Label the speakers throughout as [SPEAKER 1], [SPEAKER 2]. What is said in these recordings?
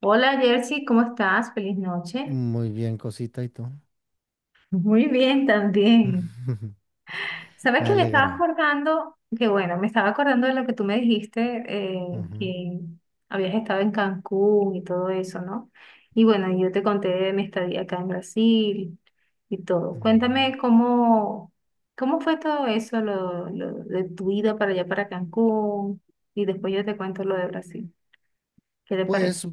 [SPEAKER 1] Hola Jersey, ¿cómo estás? Feliz noche.
[SPEAKER 2] Muy bien, cosita, ¿y tú?
[SPEAKER 1] Muy bien también. Sabes
[SPEAKER 2] Me
[SPEAKER 1] que me estaba
[SPEAKER 2] alegra.
[SPEAKER 1] acordando, que bueno, me estaba acordando de lo que tú me dijiste,
[SPEAKER 2] Ujú,
[SPEAKER 1] que habías estado en Cancún y todo eso, ¿no? Y bueno, yo te conté de mi estadía acá en Brasil y todo.
[SPEAKER 2] ujú.
[SPEAKER 1] Cuéntame cómo, cómo fue todo eso, lo de tu ida para allá, para Cancún, y después yo te cuento lo de Brasil. ¿Qué te parece?
[SPEAKER 2] Pues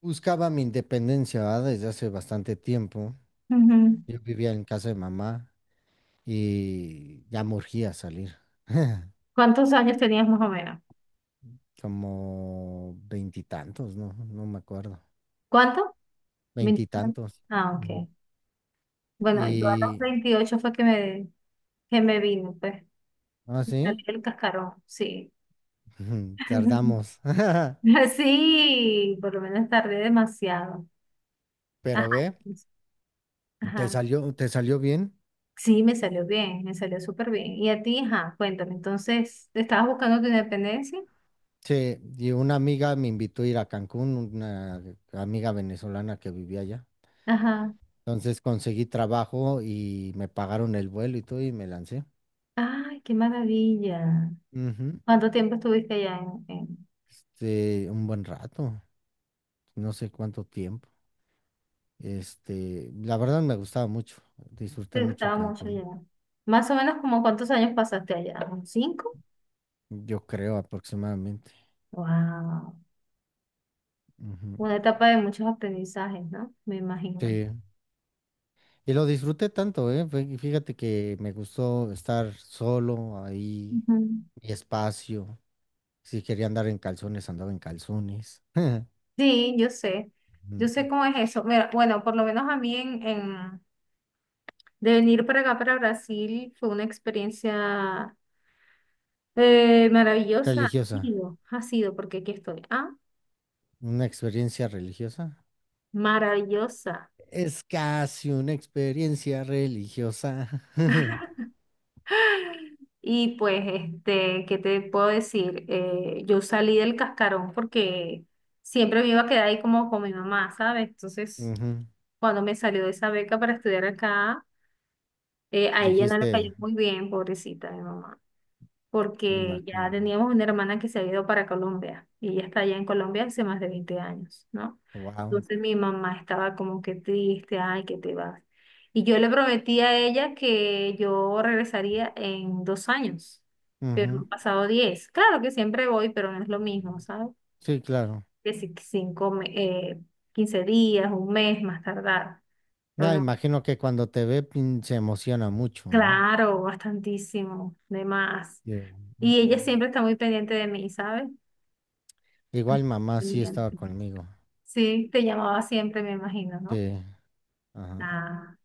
[SPEAKER 2] buscaba mi independencia, ¿verdad? Desde hace bastante tiempo.
[SPEAKER 1] Ujú.
[SPEAKER 2] Yo vivía en casa de mamá y ya me urgía salir.
[SPEAKER 1] ¿Cuántos años tenías más o menos?
[SPEAKER 2] Como veintitantos, ¿no? No me acuerdo.
[SPEAKER 1] ¿Cuánto? 20.
[SPEAKER 2] Veintitantos.
[SPEAKER 1] Ah,
[SPEAKER 2] Ujú.
[SPEAKER 1] ok. Bueno, yo a los
[SPEAKER 2] Y,
[SPEAKER 1] 28 fue que que me vino, pues.
[SPEAKER 2] ¿ah,
[SPEAKER 1] Me salí
[SPEAKER 2] sí?
[SPEAKER 1] el cascarón, sí.
[SPEAKER 2] Tardamos.
[SPEAKER 1] Sí, por lo menos tardé demasiado. Ajá,
[SPEAKER 2] Pero ve,
[SPEAKER 1] pues, ajá.
[SPEAKER 2] te salió bien.
[SPEAKER 1] Sí, me salió bien, me salió súper bien. Y a ti, ajá, cuéntame, entonces, ¿estabas buscando tu independencia?
[SPEAKER 2] Sí, y una amiga me invitó a ir a Cancún, una amiga venezolana que vivía allá.
[SPEAKER 1] Ajá.
[SPEAKER 2] Entonces conseguí trabajo y me pagaron el vuelo y todo y me lancé.
[SPEAKER 1] Ay, qué maravilla.
[SPEAKER 2] Ujú.
[SPEAKER 1] ¿Cuánto tiempo estuviste allá
[SPEAKER 2] Un buen rato, no sé cuánto tiempo. La verdad me gustaba mucho, disfruté
[SPEAKER 1] Te
[SPEAKER 2] mucho
[SPEAKER 1] gustaba mucho
[SPEAKER 2] Cancún,
[SPEAKER 1] allá. Más o menos como cuántos años pasaste allá, ¿un cinco?
[SPEAKER 2] yo creo aproximadamente.
[SPEAKER 1] Wow.
[SPEAKER 2] Ujú.
[SPEAKER 1] Una etapa de muchos aprendizajes, ¿no? Me imagino.
[SPEAKER 2] Sí, y lo disfruté tanto, ¿eh? Fíjate que me gustó estar solo ahí,
[SPEAKER 1] Ujú.
[SPEAKER 2] mi espacio. Si quería andar en calzones, andaba en calzones.
[SPEAKER 1] Sí, yo sé. Yo
[SPEAKER 2] Mm.
[SPEAKER 1] sé cómo es eso. Mira, bueno, por lo menos a mí de venir para acá, para Brasil, fue una experiencia maravillosa.
[SPEAKER 2] Religiosa,
[SPEAKER 1] Ha sido, porque aquí estoy. Ah,
[SPEAKER 2] una experiencia religiosa.
[SPEAKER 1] maravillosa.
[SPEAKER 2] Es casi una experiencia religiosa.
[SPEAKER 1] Y pues, este, ¿qué te puedo decir? Yo salí del cascarón porque siempre me iba a quedar ahí como con mi mamá, ¿sabes? Entonces,
[SPEAKER 2] Ujú.
[SPEAKER 1] cuando me salió de esa beca para estudiar acá, a ella no le
[SPEAKER 2] Dijiste,
[SPEAKER 1] cayó muy bien, pobrecita mi mamá,
[SPEAKER 2] me
[SPEAKER 1] porque ya
[SPEAKER 2] imagino.
[SPEAKER 1] teníamos una hermana que se había ido para Colombia y ella está allá en Colombia hace más de 20 años, ¿no?
[SPEAKER 2] Wow.
[SPEAKER 1] Entonces mi mamá estaba como que triste, ay, que te vas. Y yo le prometí a ella que yo regresaría en 2 años, pero han pasado 10. Claro que siempre voy, pero no es lo mismo, ¿sabes?
[SPEAKER 2] Sí, claro.
[SPEAKER 1] Que si cinco, 15 días, un mes más tardar, pero
[SPEAKER 2] Ya
[SPEAKER 1] no.
[SPEAKER 2] imagino que cuando te ve pin, se emociona mucho, ¿no?
[SPEAKER 1] Claro, bastantísimo, de más.
[SPEAKER 2] Sí.
[SPEAKER 1] Y ella
[SPEAKER 2] Mm.
[SPEAKER 1] siempre está muy pendiente de mí, ¿sabes?
[SPEAKER 2] Igual mamá sí estaba
[SPEAKER 1] Pendiente.
[SPEAKER 2] conmigo.
[SPEAKER 1] Sí, te llamaba siempre, me imagino, ¿no?
[SPEAKER 2] Sí. Ajá.
[SPEAKER 1] Ah,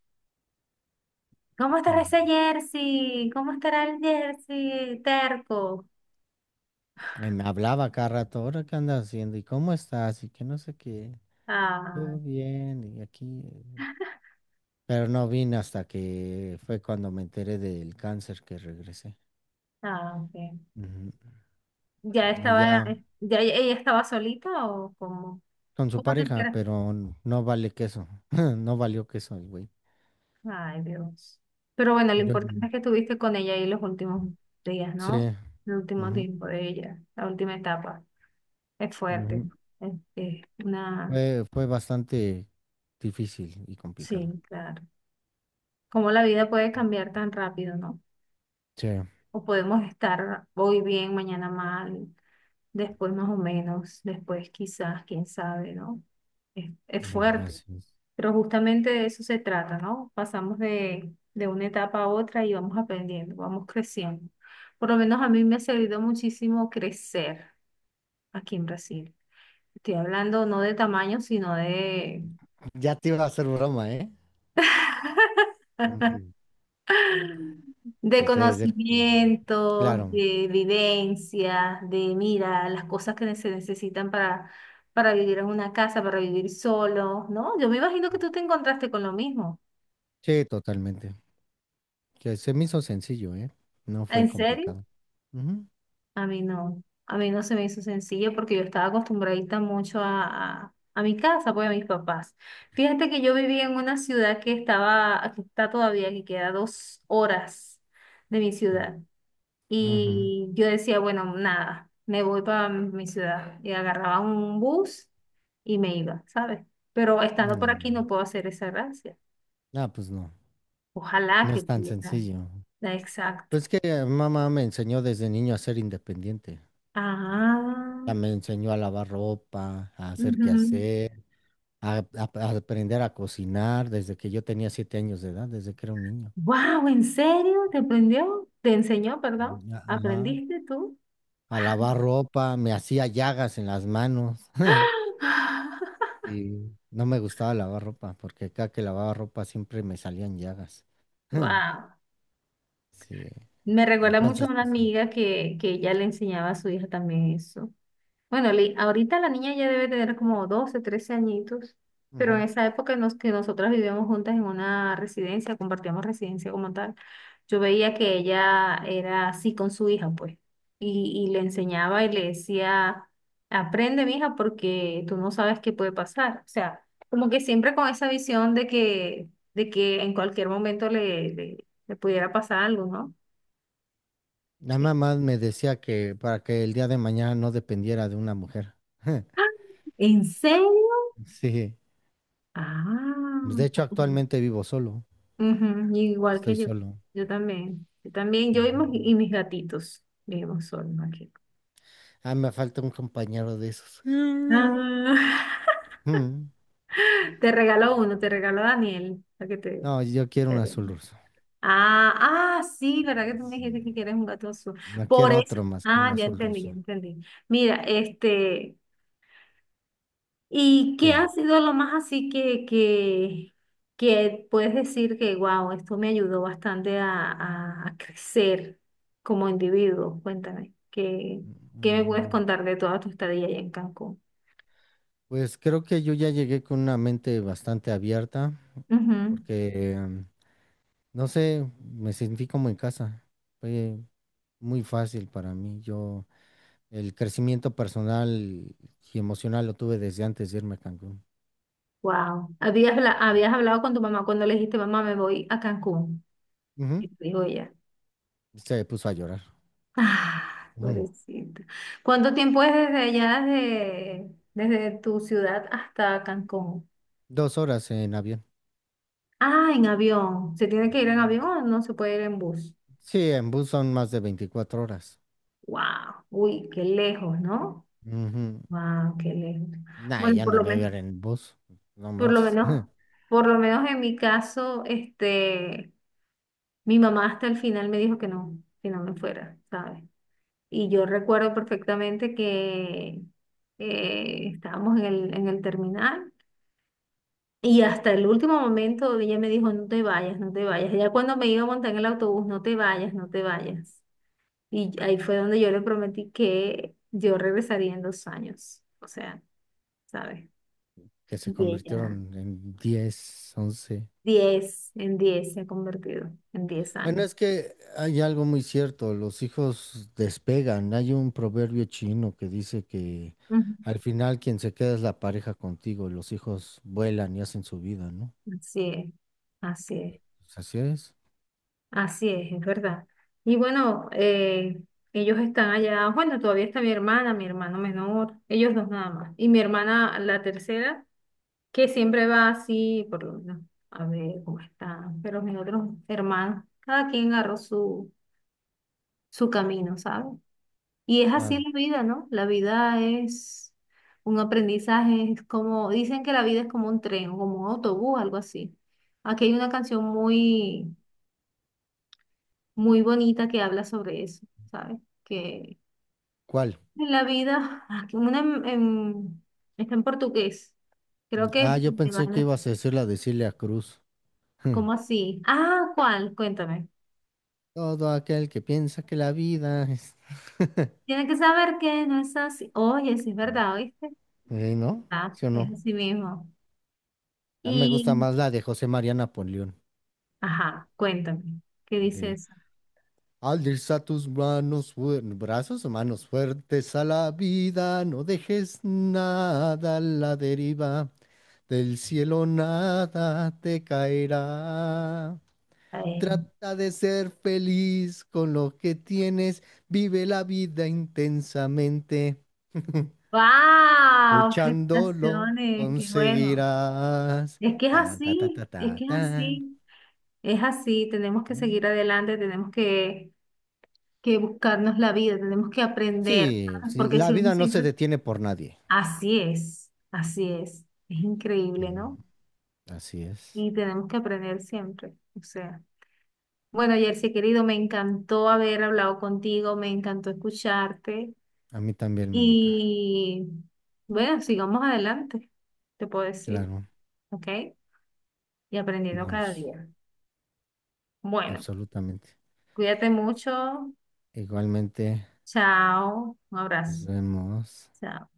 [SPEAKER 1] ¿cómo estará
[SPEAKER 2] Mm.
[SPEAKER 1] ese jersey? ¿Cómo estará el jersey? Terco.
[SPEAKER 2] Y me hablaba cada rato, ¿ahora qué andas haciendo? ¿Y cómo estás? Y que no sé qué.
[SPEAKER 1] Ah,
[SPEAKER 2] Todo bien, y aquí, pero no vine hasta que fue cuando me enteré del cáncer que regresé.
[SPEAKER 1] ah, ok.
[SPEAKER 2] Ujú.
[SPEAKER 1] ¿Ya
[SPEAKER 2] Y
[SPEAKER 1] estaba,
[SPEAKER 2] ya
[SPEAKER 1] ya ella estaba solita o cómo?
[SPEAKER 2] con su
[SPEAKER 1] ¿Cómo te
[SPEAKER 2] pareja,
[SPEAKER 1] enteras?
[SPEAKER 2] pero no vale queso, no valió queso el güey.
[SPEAKER 1] Ay, Dios. Pero bueno, lo
[SPEAKER 2] Yo,
[SPEAKER 1] importante es que estuviste con ella ahí los últimos días,
[SPEAKER 2] sí,
[SPEAKER 1] ¿no? El último
[SPEAKER 2] ujú,
[SPEAKER 1] tiempo de ella, la última etapa. Es fuerte,
[SPEAKER 2] ujú.
[SPEAKER 1] ¿no? Es una,
[SPEAKER 2] Fue bastante difícil y complicado.
[SPEAKER 1] sí, claro. Cómo la vida puede cambiar tan rápido, ¿no?
[SPEAKER 2] Sí,
[SPEAKER 1] O podemos estar hoy bien, mañana mal, después más o menos, después quizás, quién sabe, ¿no? Es
[SPEAKER 2] ujú,
[SPEAKER 1] fuerte,
[SPEAKER 2] así es.
[SPEAKER 1] pero justamente de eso se trata, ¿no? Pasamos de una etapa a otra y vamos aprendiendo, vamos creciendo. Por lo menos a mí me ha servido muchísimo crecer aquí en Brasil. Estoy hablando no de tamaño, sino de
[SPEAKER 2] Ya te iba a hacer broma, ¿eh? Ujú.
[SPEAKER 1] De
[SPEAKER 2] Te iba a decir. Claro,
[SPEAKER 1] conocimientos, de vivencias, de mira, las cosas que se necesitan para vivir en una casa, para vivir solo, ¿no? Yo me imagino que tú te encontraste con lo mismo.
[SPEAKER 2] sí, totalmente. Que se me hizo sencillo, ¿eh? No fue
[SPEAKER 1] ¿En serio?
[SPEAKER 2] complicado. Ujú.
[SPEAKER 1] A mí no se me hizo sencillo porque yo estaba acostumbradita mucho a mi casa, pues a mis papás. Fíjate que yo vivía en una ciudad que estaba, que está todavía, que queda 2 horas de mi ciudad.
[SPEAKER 2] Ujú.
[SPEAKER 1] Y yo decía, bueno, nada, me voy para mi ciudad. Y agarraba un bus y me iba, ¿sabes? Pero estando por aquí
[SPEAKER 2] Mm.
[SPEAKER 1] no puedo hacer esa gracia.
[SPEAKER 2] Ah, pues no,
[SPEAKER 1] Ojalá
[SPEAKER 2] no
[SPEAKER 1] que
[SPEAKER 2] es tan
[SPEAKER 1] pudiera.
[SPEAKER 2] sencillo.
[SPEAKER 1] Exacto.
[SPEAKER 2] Pues que mamá me enseñó desde niño a ser independiente. Ya
[SPEAKER 1] Ah,
[SPEAKER 2] me enseñó a lavar ropa, a hacer quehacer, a, a aprender a cocinar desde que yo tenía 7 años de edad, desde que era un niño.
[SPEAKER 1] wow, ¿en serio? ¿Te aprendió? ¿Te enseñó, perdón?
[SPEAKER 2] Mm, ajá.
[SPEAKER 1] ¿Aprendiste tú?
[SPEAKER 2] A lavar ropa, me hacía llagas en las manos. Y no me gustaba lavar ropa, porque cada que lavaba ropa siempre me salían llagas.
[SPEAKER 1] Wow.
[SPEAKER 2] Sí.
[SPEAKER 1] Me recuerda mucho a
[SPEAKER 2] Entonces,
[SPEAKER 1] una
[SPEAKER 2] pues sí.
[SPEAKER 1] amiga que ella le enseñaba a su hija también eso. Bueno, ahorita la niña ya debe tener como 12 13 añitos, pero en
[SPEAKER 2] Ujú.
[SPEAKER 1] esa época en los que nosotras vivíamos juntas en una residencia, compartíamos residencia como tal, yo veía que ella era así con su hija, pues, y le enseñaba y le decía, aprende, mija, porque tú no sabes qué puede pasar. O sea, como que siempre con esa visión de que en cualquier momento le pudiera pasar algo, ¿no?
[SPEAKER 2] La
[SPEAKER 1] Sí.
[SPEAKER 2] mamá me decía que para que el día de mañana no dependiera de una mujer.
[SPEAKER 1] ¡Ah! ¿En serio?
[SPEAKER 2] Sí. Pues, de
[SPEAKER 1] Ah.
[SPEAKER 2] hecho, actualmente vivo solo.
[SPEAKER 1] Ujú, igual
[SPEAKER 2] Estoy
[SPEAKER 1] que yo.
[SPEAKER 2] solo.
[SPEAKER 1] Yo también. Yo también, yo y, mis
[SPEAKER 2] Ujú.
[SPEAKER 1] y mis gatitos. Vivimos solos aquí.
[SPEAKER 2] Ah, me falta un compañero de esos.
[SPEAKER 1] Ah,
[SPEAKER 2] Mm.
[SPEAKER 1] te regaló uno, te regaló Daniel, para que te...
[SPEAKER 2] No, yo quiero un azul ruso.
[SPEAKER 1] Ah, ah, sí, ¿verdad que tú me dijiste
[SPEAKER 2] Sí.
[SPEAKER 1] que quieres un gato azul?
[SPEAKER 2] No
[SPEAKER 1] Por
[SPEAKER 2] quiero
[SPEAKER 1] eso,
[SPEAKER 2] otro más que un
[SPEAKER 1] ah, ya
[SPEAKER 2] azul
[SPEAKER 1] entendí, ya
[SPEAKER 2] ruso.
[SPEAKER 1] entendí. Mira, este, ¿y qué
[SPEAKER 2] ¿Qué?
[SPEAKER 1] ha sido lo más así que puedes decir que, wow, esto me ayudó bastante a crecer como individuo? Cuéntame, ¿qué me puedes
[SPEAKER 2] Mm.
[SPEAKER 1] contar de toda tu estadía allá en Cancún?
[SPEAKER 2] Pues creo que yo ya llegué con una mente bastante abierta porque, no sé, me sentí como en casa. Fue muy fácil para mí. Yo el crecimiento personal y emocional lo tuve desde antes de irme a Cancún.
[SPEAKER 1] Wow. ¿Habías hablado con tu mamá cuando le dijiste, mamá, me voy a Cancún? Y
[SPEAKER 2] Ujú.
[SPEAKER 1] te dijo ella,
[SPEAKER 2] Se puso a llorar.
[SPEAKER 1] ah,
[SPEAKER 2] Ujú.
[SPEAKER 1] pobrecita. ¿Cuánto tiempo es desde allá, desde tu ciudad hasta Cancún?
[SPEAKER 2] 2 horas en avión.
[SPEAKER 1] Ah, en avión. ¿Se tiene que ir en avión o no se puede ir en bus?
[SPEAKER 2] Sí, en bus son más de 24 horas.
[SPEAKER 1] Wow, uy, qué lejos, ¿no?
[SPEAKER 2] Ujú.
[SPEAKER 1] Wow, qué lejos.
[SPEAKER 2] Nah,
[SPEAKER 1] Bueno,
[SPEAKER 2] ya
[SPEAKER 1] por
[SPEAKER 2] no
[SPEAKER 1] lo
[SPEAKER 2] me voy a
[SPEAKER 1] menos,
[SPEAKER 2] ir en bus. No
[SPEAKER 1] por lo
[SPEAKER 2] manches.
[SPEAKER 1] menos, por lo menos en mi caso, este, mi mamá hasta el final me dijo que no me fuera, ¿sabes? Y yo recuerdo perfectamente que estábamos en el terminal y hasta el último momento ella me dijo, no te vayas, no te vayas. Ya cuando me iba a montar en el autobús, no te vayas, no te vayas. Y ahí fue donde yo le prometí que yo regresaría en dos años. O sea, ¿sabes?
[SPEAKER 2] Que se
[SPEAKER 1] Y ella,
[SPEAKER 2] convirtieron en 10 11.
[SPEAKER 1] 10, en 10 se ha convertido, en diez
[SPEAKER 2] Bueno,
[SPEAKER 1] años.
[SPEAKER 2] es que hay algo muy cierto, los hijos despegan. Hay un proverbio chino que dice que
[SPEAKER 1] Ujú.
[SPEAKER 2] al final quien se queda es la pareja contigo y los hijos vuelan y hacen su vida, ¿no?
[SPEAKER 1] Así es, así es,
[SPEAKER 2] Pues así es.
[SPEAKER 1] así es verdad. Y bueno, ellos están allá, bueno, todavía está mi hermana, mi hermano menor, ellos dos nada más. Y mi hermana, la tercera, que siempre va así, por lo menos, a ver cómo están. Pero mis otros hermanos, cada quien agarró su camino, ¿sabes? Y es así
[SPEAKER 2] Claro.
[SPEAKER 1] la vida, ¿no? La vida es un aprendizaje, es como, dicen que la vida es como un tren o como un autobús, algo así. Aquí hay una canción muy, muy bonita que habla sobre eso, ¿sabes? Que
[SPEAKER 2] ¿Cuál?
[SPEAKER 1] en la vida, ah, que está en portugués, creo que
[SPEAKER 2] Ah,
[SPEAKER 1] es,
[SPEAKER 2] yo pensé que ibas a decir la de Celia Cruz.
[SPEAKER 1] ¿cómo así? Ah, ¿cuál? Cuéntame.
[SPEAKER 2] Todo aquel que piensa que la vida es...
[SPEAKER 1] Tiene que saber que no es así. Oye, sí es verdad, ¿oíste?
[SPEAKER 2] ¿No?
[SPEAKER 1] Ah,
[SPEAKER 2] ¿Sí o
[SPEAKER 1] es
[SPEAKER 2] no?
[SPEAKER 1] así mismo.
[SPEAKER 2] A mí me gusta
[SPEAKER 1] Y,
[SPEAKER 2] más la de José María Napoleón.
[SPEAKER 1] ajá, cuéntame, ¿qué
[SPEAKER 2] La de
[SPEAKER 1] dices?
[SPEAKER 2] Al Alza tus manos, brazos, manos fuertes a la vida, no dejes nada a la deriva, del cielo nada te caerá.
[SPEAKER 1] ¡Wow!
[SPEAKER 2] Trata de ser feliz con lo que tienes, vive la vida intensamente, luchándolo
[SPEAKER 1] Felicitaciones, qué bueno.
[SPEAKER 2] conseguirás.
[SPEAKER 1] Es que es
[SPEAKER 2] Tan, ta, ta,
[SPEAKER 1] así,
[SPEAKER 2] ta,
[SPEAKER 1] es
[SPEAKER 2] ta,
[SPEAKER 1] que es
[SPEAKER 2] tan.
[SPEAKER 1] así, es así. Tenemos que
[SPEAKER 2] ¿Eh?
[SPEAKER 1] seguir adelante, tenemos que buscarnos la vida, tenemos que aprender,
[SPEAKER 2] Sí,
[SPEAKER 1] ¿sabes?
[SPEAKER 2] sí,
[SPEAKER 1] Porque
[SPEAKER 2] la
[SPEAKER 1] si uno
[SPEAKER 2] vida no se
[SPEAKER 1] siempre...
[SPEAKER 2] detiene por nadie.
[SPEAKER 1] Así es, así es. Es increíble,
[SPEAKER 2] Ujú.
[SPEAKER 1] ¿no?
[SPEAKER 2] Así es.
[SPEAKER 1] Y tenemos que aprender siempre. O sea, bueno, Jersey, querido, me encantó haber hablado contigo, me encantó escucharte
[SPEAKER 2] A mí también, muñeca.
[SPEAKER 1] y bueno, sigamos adelante, te puedo decir,
[SPEAKER 2] Claro,
[SPEAKER 1] ¿ok? Y aprendiendo cada
[SPEAKER 2] vamos,
[SPEAKER 1] día. Bueno,
[SPEAKER 2] absolutamente.
[SPEAKER 1] cuídate mucho.
[SPEAKER 2] Igualmente,
[SPEAKER 1] Chao. Un
[SPEAKER 2] nos
[SPEAKER 1] abrazo.
[SPEAKER 2] vemos.
[SPEAKER 1] Chao.